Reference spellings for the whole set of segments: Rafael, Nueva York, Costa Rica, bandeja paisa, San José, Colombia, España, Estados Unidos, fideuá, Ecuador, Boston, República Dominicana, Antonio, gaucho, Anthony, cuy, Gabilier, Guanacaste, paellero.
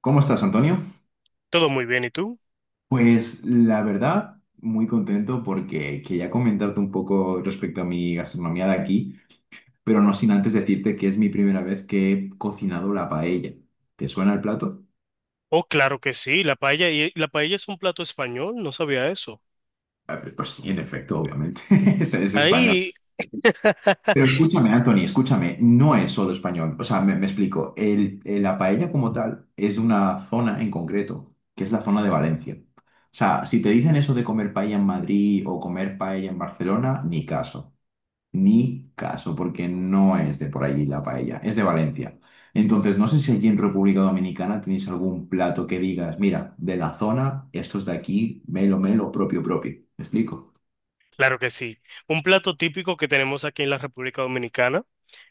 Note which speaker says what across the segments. Speaker 1: ¿Cómo estás, Antonio?
Speaker 2: Todo muy bien, ¿y tú?
Speaker 1: Pues la verdad, muy contento porque quería comentarte un poco respecto a mi gastronomía de aquí, pero no sin antes decirte que es mi primera vez que he cocinado la paella. ¿Te suena el plato?
Speaker 2: Oh, claro que sí, la paella, y la paella es un plato español, no sabía eso.
Speaker 1: A ver, pues sí, en efecto, obviamente. Es español.
Speaker 2: Ahí,
Speaker 1: Pero escúchame, Anthony, escúchame, no es solo español. O sea, me explico. La paella como tal es de una zona en concreto, que es la zona de Valencia. O sea, si te dicen eso de comer paella en Madrid o comer paella en Barcelona, ni caso. Ni caso, porque no es de por allí la paella, es de Valencia. Entonces, no sé si allí en República Dominicana tenéis algún plato que digas, mira, de la zona, estos de aquí, melo, melo, propio, propio. ¿Me explico?
Speaker 2: claro que sí. Un plato típico que tenemos aquí en la República Dominicana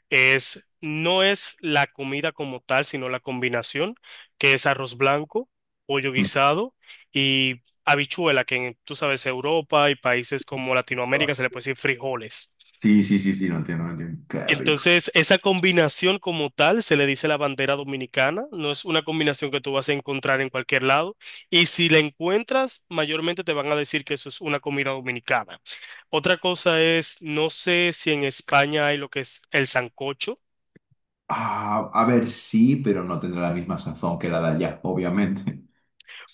Speaker 2: es, no es la comida como tal, sino la combinación, que es arroz blanco, pollo
Speaker 1: Mm.
Speaker 2: guisado y habichuela, que en, tú sabes, Europa y países como Latinoamérica se le puede decir frijoles.
Speaker 1: Sí, sí, sí, sí, no entiendo, no entiendo. Qué rico.
Speaker 2: Entonces, esa combinación como tal se le dice la bandera dominicana, no es una combinación que tú vas a encontrar en cualquier lado y si la encuentras, mayormente te van a decir que eso es una comida dominicana. Otra cosa es, no sé si en España hay lo que es el sancocho.
Speaker 1: Ah, a ver, sí, pero no tendrá la misma sazón que la de allá, obviamente.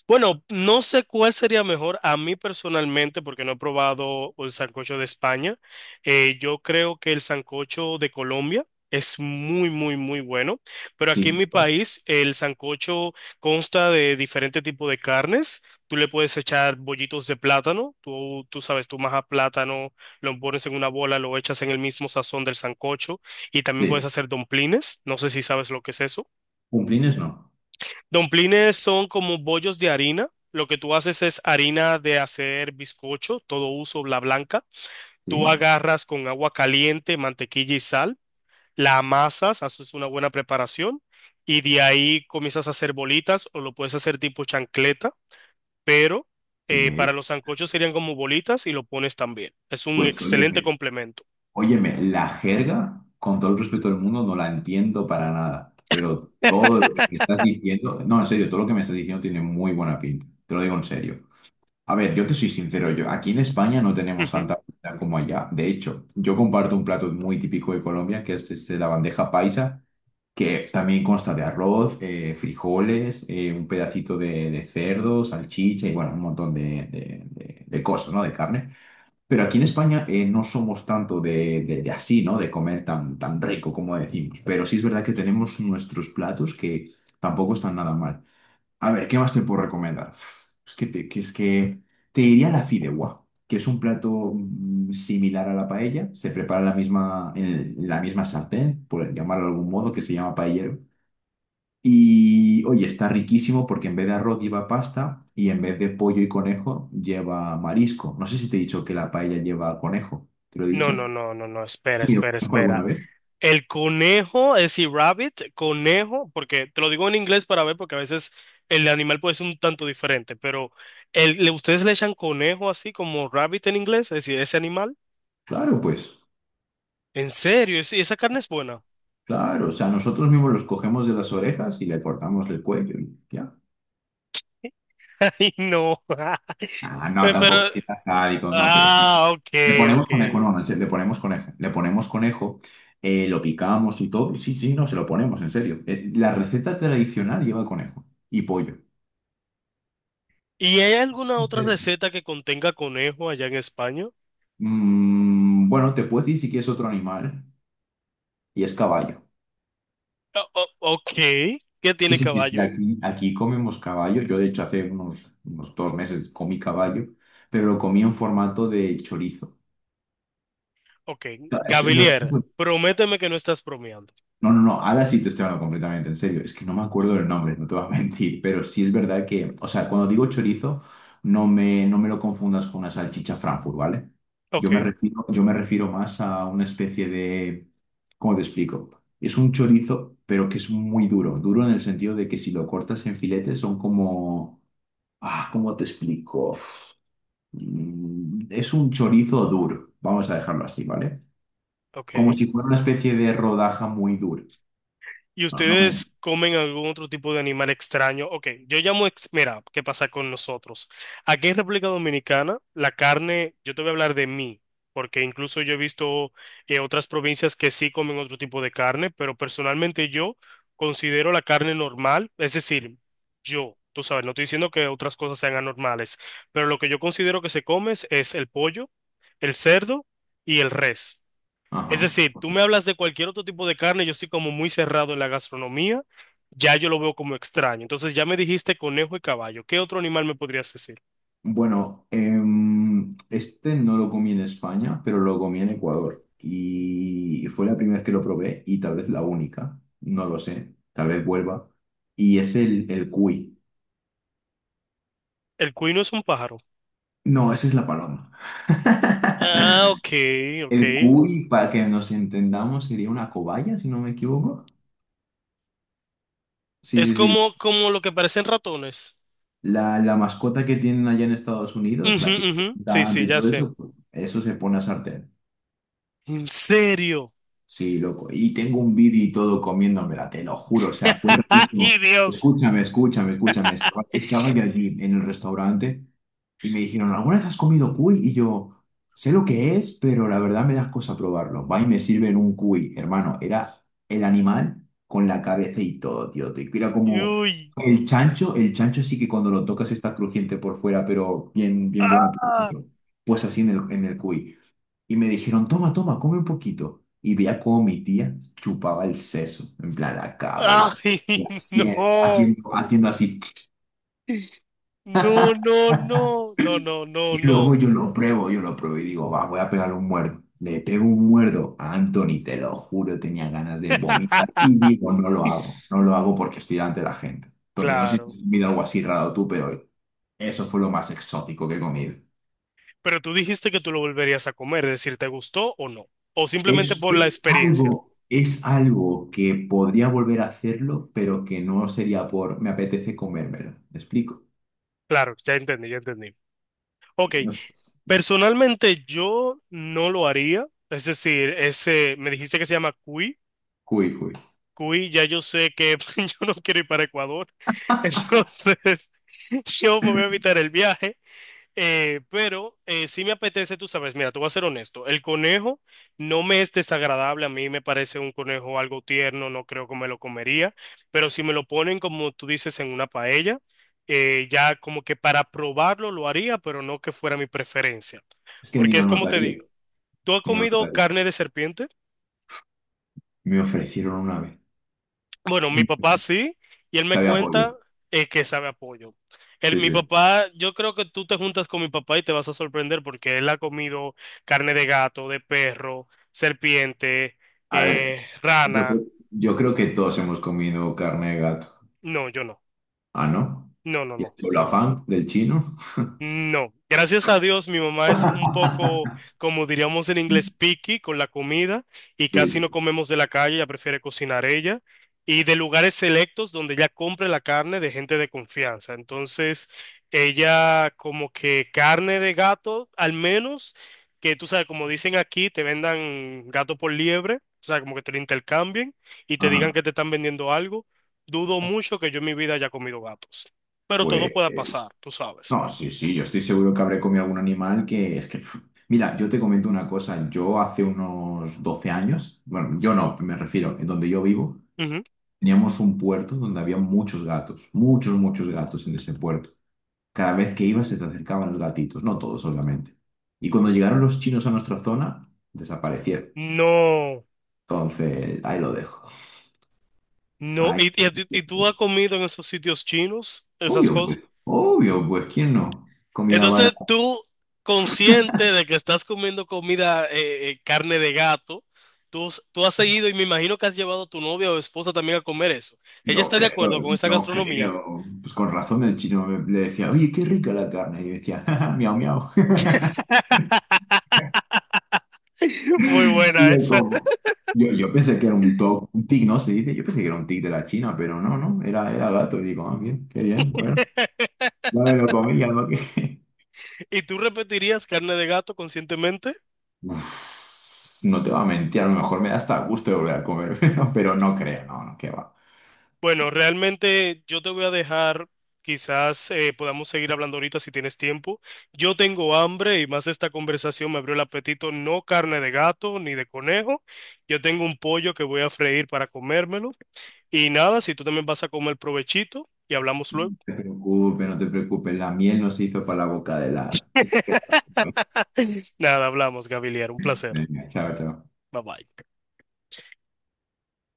Speaker 2: Bueno, no sé cuál sería mejor a mí personalmente, porque no he probado el sancocho de España. Yo creo que el sancocho de Colombia es muy, muy, muy bueno. Pero aquí en mi
Speaker 1: Sí, pues,
Speaker 2: país, el sancocho consta de diferentes tipos de carnes. Tú le puedes echar bollitos de plátano. Tú sabes, tú majas plátano, lo pones en una bola, lo echas en el mismo sazón del sancocho. Y también puedes
Speaker 1: sí.
Speaker 2: hacer domplines. No sé si sabes lo que es eso.
Speaker 1: Cumplines no.
Speaker 2: Domplines son como bollos de harina. Lo que tú haces es harina de hacer bizcocho, todo uso, la blanca. Tú
Speaker 1: Sí,
Speaker 2: agarras con agua caliente, mantequilla y sal, la amasas, haces una buena preparación y de ahí comienzas a hacer bolitas o lo puedes hacer tipo chancleta, pero
Speaker 1: sí.
Speaker 2: para los sancochos serían como bolitas y lo pones también. Es un
Speaker 1: Pues,
Speaker 2: excelente
Speaker 1: oye,
Speaker 2: complemento.
Speaker 1: óyeme, la jerga, con todo el respeto del mundo, no la entiendo para nada, pero todo lo que me estás diciendo, no, en serio, todo lo que me estás diciendo tiene muy buena pinta, te lo digo en serio. A ver, yo te soy sincero, yo aquí en España no tenemos
Speaker 2: Ujú.
Speaker 1: tanta comida como allá. De hecho, yo comparto un plato muy típico de Colombia, que es este, la bandeja paisa, que también consta de arroz, frijoles, un pedacito de cerdo, salchicha y bueno, un montón de, de cosas, ¿no? De carne. Pero aquí en España no somos tanto de, de así, ¿no? De comer tan, tan rico como decimos. Pero sí es verdad que tenemos nuestros platos que tampoco están nada mal. A ver, ¿qué más te puedo recomendar? Uf, es que te diría la fideuá, que es un plato similar a la paella. Se prepara en la misma sartén, por llamarlo de algún modo, que se llama paellero. Y oye, está riquísimo porque en vez de arroz lleva pasta y en vez de pollo y conejo lleva marisco. No sé si te he dicho que la paella lleva conejo. ¿Te lo he
Speaker 2: No,
Speaker 1: dicho?
Speaker 2: no, no, no, no, espera,
Speaker 1: ¿Y lo
Speaker 2: espera,
Speaker 1: conozco alguna
Speaker 2: espera.
Speaker 1: vez?
Speaker 2: El conejo, es decir, rabbit, conejo, porque te lo digo en inglés para ver, porque a veces el animal puede ser un tanto diferente, pero ustedes le echan conejo así como rabbit en inglés, es decir, ese animal.
Speaker 1: Claro, pues,
Speaker 2: ¿En serio? ¿Y esa carne es buena?
Speaker 1: claro. O sea, nosotros mismos los cogemos de las orejas y le cortamos el cuello y ya.
Speaker 2: Ay, no.
Speaker 1: Ah, no,
Speaker 2: Pero,
Speaker 1: tampoco así tan sádico, no, pero sí. Sí.
Speaker 2: ah, ok,
Speaker 1: Le ponemos
Speaker 2: ok.
Speaker 1: conejo, no, no, en serio, le ponemos conejo. Le ponemos conejo, lo picamos y todo. Sí, sí, no, se lo ponemos, en serio. La receta tradicional lleva conejo y pollo.
Speaker 2: ¿Y hay alguna
Speaker 1: ¿En
Speaker 2: otra
Speaker 1: serio?
Speaker 2: receta que contenga conejo allá en España?
Speaker 1: Mm, bueno, te puedo decir si quieres otro animal, y es caballo.
Speaker 2: Ok, ¿qué
Speaker 1: Sí,
Speaker 2: tiene
Speaker 1: sí, sí, sí,
Speaker 2: caballo?
Speaker 1: aquí, aquí comemos caballo. Yo, de hecho, hace unos, unos 2 meses comí caballo, pero lo comí en formato de chorizo.
Speaker 2: Ok,
Speaker 1: Es- no es-
Speaker 2: Gabilier, prométeme que no estás bromeando.
Speaker 1: No, no, no, ahora sí te estoy hablando completamente en serio. Es que no me acuerdo del nombre, no te voy a mentir, pero sí es verdad que, o sea, cuando digo chorizo, no me lo confundas con una salchicha Frankfurt, ¿vale?
Speaker 2: Ok,
Speaker 1: Yo me refiero más a una especie de, ¿cómo te explico? Es un chorizo, pero que es muy duro, duro en el sentido de que si lo cortas en filetes son como, ah, ¿cómo te explico? Mm, es un chorizo duro, vamos a dejarlo así, ¿vale? Como
Speaker 2: ok.
Speaker 1: si fuera una especie de rodaja muy dura.
Speaker 2: ¿Y
Speaker 1: No, no me-
Speaker 2: ustedes comen algún otro tipo de animal extraño? Ok, yo llamo, mira, ¿qué pasa con nosotros? Aquí en República Dominicana, la carne, yo te voy a hablar de mí, porque incluso yo he visto otras provincias que sí comen otro tipo de carne, pero personalmente yo considero la carne normal, es decir, yo, tú sabes, no estoy diciendo que otras cosas sean anormales, pero lo que yo considero que se come es el pollo, el cerdo y el res.
Speaker 1: Ajá.
Speaker 2: Es decir, tú me hablas de cualquier otro tipo de carne, yo soy como muy cerrado en la gastronomía, ya yo lo veo como extraño. Entonces ya me dijiste conejo y caballo. ¿Qué otro animal me podrías decir?
Speaker 1: Bueno, este no lo comí en España, pero lo comí en Ecuador. Y fue la primera vez que lo probé y tal vez la única, no lo sé, tal vez vuelva. Y es el cuy.
Speaker 2: El cuino es un pájaro.
Speaker 1: No, esa es la paloma.
Speaker 2: Ah, ok,
Speaker 1: El
Speaker 2: ok.
Speaker 1: cuy, para que nos entendamos, sería una cobaya, si no me equivoco. Sí,
Speaker 2: Es
Speaker 1: sí, sí.
Speaker 2: como, como lo que parecen ratones.
Speaker 1: La mascota que tienen allá en Estados Unidos,
Speaker 2: Ujú,
Speaker 1: la que
Speaker 2: ujú. Sí,
Speaker 1: tanto
Speaker 2: sí,
Speaker 1: y
Speaker 2: ya
Speaker 1: todo
Speaker 2: sé.
Speaker 1: eso, pues, eso se pone a sartén.
Speaker 2: ¿En serio?
Speaker 1: Sí, loco. Y tengo un vídeo y todo comiéndomela, te lo juro. O sea, fue
Speaker 2: ¡Ay,
Speaker 1: rarísimo.
Speaker 2: Dios!
Speaker 1: Escúchame, escúchame, escúchame. Estaba yo allí en el restaurante y me dijeron, ¿alguna vez has comido cuy? Y yo, sé lo que es, pero la verdad me das cosa probarlo. Va y me sirven un cuy, hermano. Era el animal con la cabeza y todo, tío. Era como
Speaker 2: ¡Uy!
Speaker 1: el chancho. El chancho sí que cuando lo tocas está crujiente por fuera, pero bien, bien bueno por
Speaker 2: ¡Ah!
Speaker 1: dentro. Pues así en en el cuy. Y me dijeron, toma, toma, come un poquito. Y veía cómo mi tía chupaba el seso, en plan la cabeza,
Speaker 2: ¡Ay,
Speaker 1: haciendo,
Speaker 2: no!
Speaker 1: haciendo, haciendo así.
Speaker 2: No, no, no, no, no, no,
Speaker 1: Y luego
Speaker 2: no.
Speaker 1: yo lo pruebo y digo, va, voy a pegarle un muerdo. Le pego un muerdo a Anthony, te lo juro, tenía ganas de vomitar. Y digo, no lo hago, no lo hago porque estoy delante de la gente. Entonces, no sé si
Speaker 2: Claro.
Speaker 1: has comido algo así raro tú, pero eso fue lo más exótico que he comido.
Speaker 2: Pero tú dijiste que tú lo volverías a comer, es decir, ¿te gustó o no? O simplemente por la experiencia.
Speaker 1: Es algo que podría volver a hacerlo, pero que no sería por me apetece comérmelo. ¿Me explico?
Speaker 2: Claro, ya entendí, ya entendí. Ok,
Speaker 1: No sé.
Speaker 2: personalmente yo no lo haría. Es decir, ese, me dijiste que se llama cuy.
Speaker 1: Uy, uy.
Speaker 2: Cuy, ya yo sé que yo no quiero ir para Ecuador. Entonces, yo me voy a evitar el viaje. Pero sí me apetece, tú sabes, mira, te voy a ser honesto, el conejo no me es desagradable, a mí me parece un conejo algo tierno, no creo que me lo comería, pero si me lo ponen como tú dices en una paella, ya como que para probarlo lo haría, pero no que fuera mi preferencia,
Speaker 1: Es que ni
Speaker 2: porque
Speaker 1: lo
Speaker 2: es como te digo,
Speaker 1: notarías.
Speaker 2: ¿tú has
Speaker 1: Ni lo
Speaker 2: comido
Speaker 1: notarías.
Speaker 2: carne de serpiente?
Speaker 1: Me ofrecieron una vez.
Speaker 2: Bueno, mi papá sí, y él me
Speaker 1: Sabía a pollo.
Speaker 2: cuenta que sabe apoyo. Él,
Speaker 1: Sí,
Speaker 2: mi
Speaker 1: sí, sí.
Speaker 2: papá, yo creo que tú te juntas con mi papá y te vas a sorprender porque él ha comido carne de gato, de perro, serpiente,
Speaker 1: A ver,
Speaker 2: rana.
Speaker 1: yo creo que todos hemos comido carne de gato.
Speaker 2: No, yo no.
Speaker 1: Ah, ¿no?
Speaker 2: No, no,
Speaker 1: ¿Y
Speaker 2: no,
Speaker 1: el
Speaker 2: no.
Speaker 1: afán del chino?
Speaker 2: No, gracias a Dios mi mamá es un poco, como diríamos en inglés, picky con la comida y
Speaker 1: Sí,
Speaker 2: casi no
Speaker 1: sí.
Speaker 2: comemos de la calle, ella prefiere cocinar ella y de lugares selectos donde ella compre la carne de gente de confianza. Entonces, ella como que carne de gato, al menos que tú sabes, como dicen aquí, te vendan gato por liebre, o sea, como que te lo intercambien y te digan que
Speaker 1: Ajá.
Speaker 2: te están vendiendo algo. Dudo mucho que yo en mi vida haya comido gatos, pero todo
Speaker 1: Pues.
Speaker 2: pueda pasar, tú sabes.
Speaker 1: No, sí, sí, yo estoy seguro que habré comido algún animal que es que... pf, mira, yo te comento una cosa, yo hace unos 12 años, bueno, yo no, me refiero, en donde yo vivo, teníamos un puerto donde había muchos gatos, muchos, muchos gatos en ese puerto. Cada vez que ibas se te acercaban los gatitos, no todos, obviamente. Y cuando llegaron los chinos a nuestra zona, desaparecieron.
Speaker 2: No,
Speaker 1: Entonces, ahí lo dejo.
Speaker 2: no,
Speaker 1: Ahí...
Speaker 2: y a ti- y tú has comido en esos sitios chinos, esas cosas.
Speaker 1: Obvio, pues, ¿quién no? Comida
Speaker 2: Entonces
Speaker 1: barata.
Speaker 2: tú, consciente de que estás comiendo comida, carne de gato, tú, tú has seguido y me imagino que has llevado a tu novia o esposa también a comer eso. ¿Ella
Speaker 1: Yo
Speaker 2: está de acuerdo
Speaker 1: creo,
Speaker 2: con esa
Speaker 1: yo
Speaker 2: gastronomía?
Speaker 1: creo. Pues con razón el chino le decía, oye, qué rica la carne. Y yo decía, "Ja, ja, miau, miau."
Speaker 2: Muy
Speaker 1: Y
Speaker 2: buena
Speaker 1: yo
Speaker 2: esa.
Speaker 1: como, yo pensé que era un toc, un tic, ¿no? Se dice, yo pensé que era un tic de la China, pero no, no, era gato. Y digo, ah, bien, qué bien, bueno, ya me lo comí, ya lo que...
Speaker 2: ¿Y tú repetirías carne de gato conscientemente?
Speaker 1: Uf, no te va a mentir, a lo mejor me da hasta gusto de volver a comer, pero no creo, no, no, qué va.
Speaker 2: Bueno, realmente yo te voy a dejar, quizás podamos seguir hablando ahorita si tienes tiempo. Yo tengo hambre y más esta conversación me abrió el apetito, no carne de gato ni de conejo. Yo tengo un pollo que voy a freír para comérmelo. Y nada, si tú también vas a comer provechito y hablamos luego.
Speaker 1: No te preocupes, no te preocupes, la miel no se hizo para la boca de las...
Speaker 2: Nada, hablamos, Gabiliar, un placer.
Speaker 1: Venga, chao, chao.
Speaker 2: Bye bye.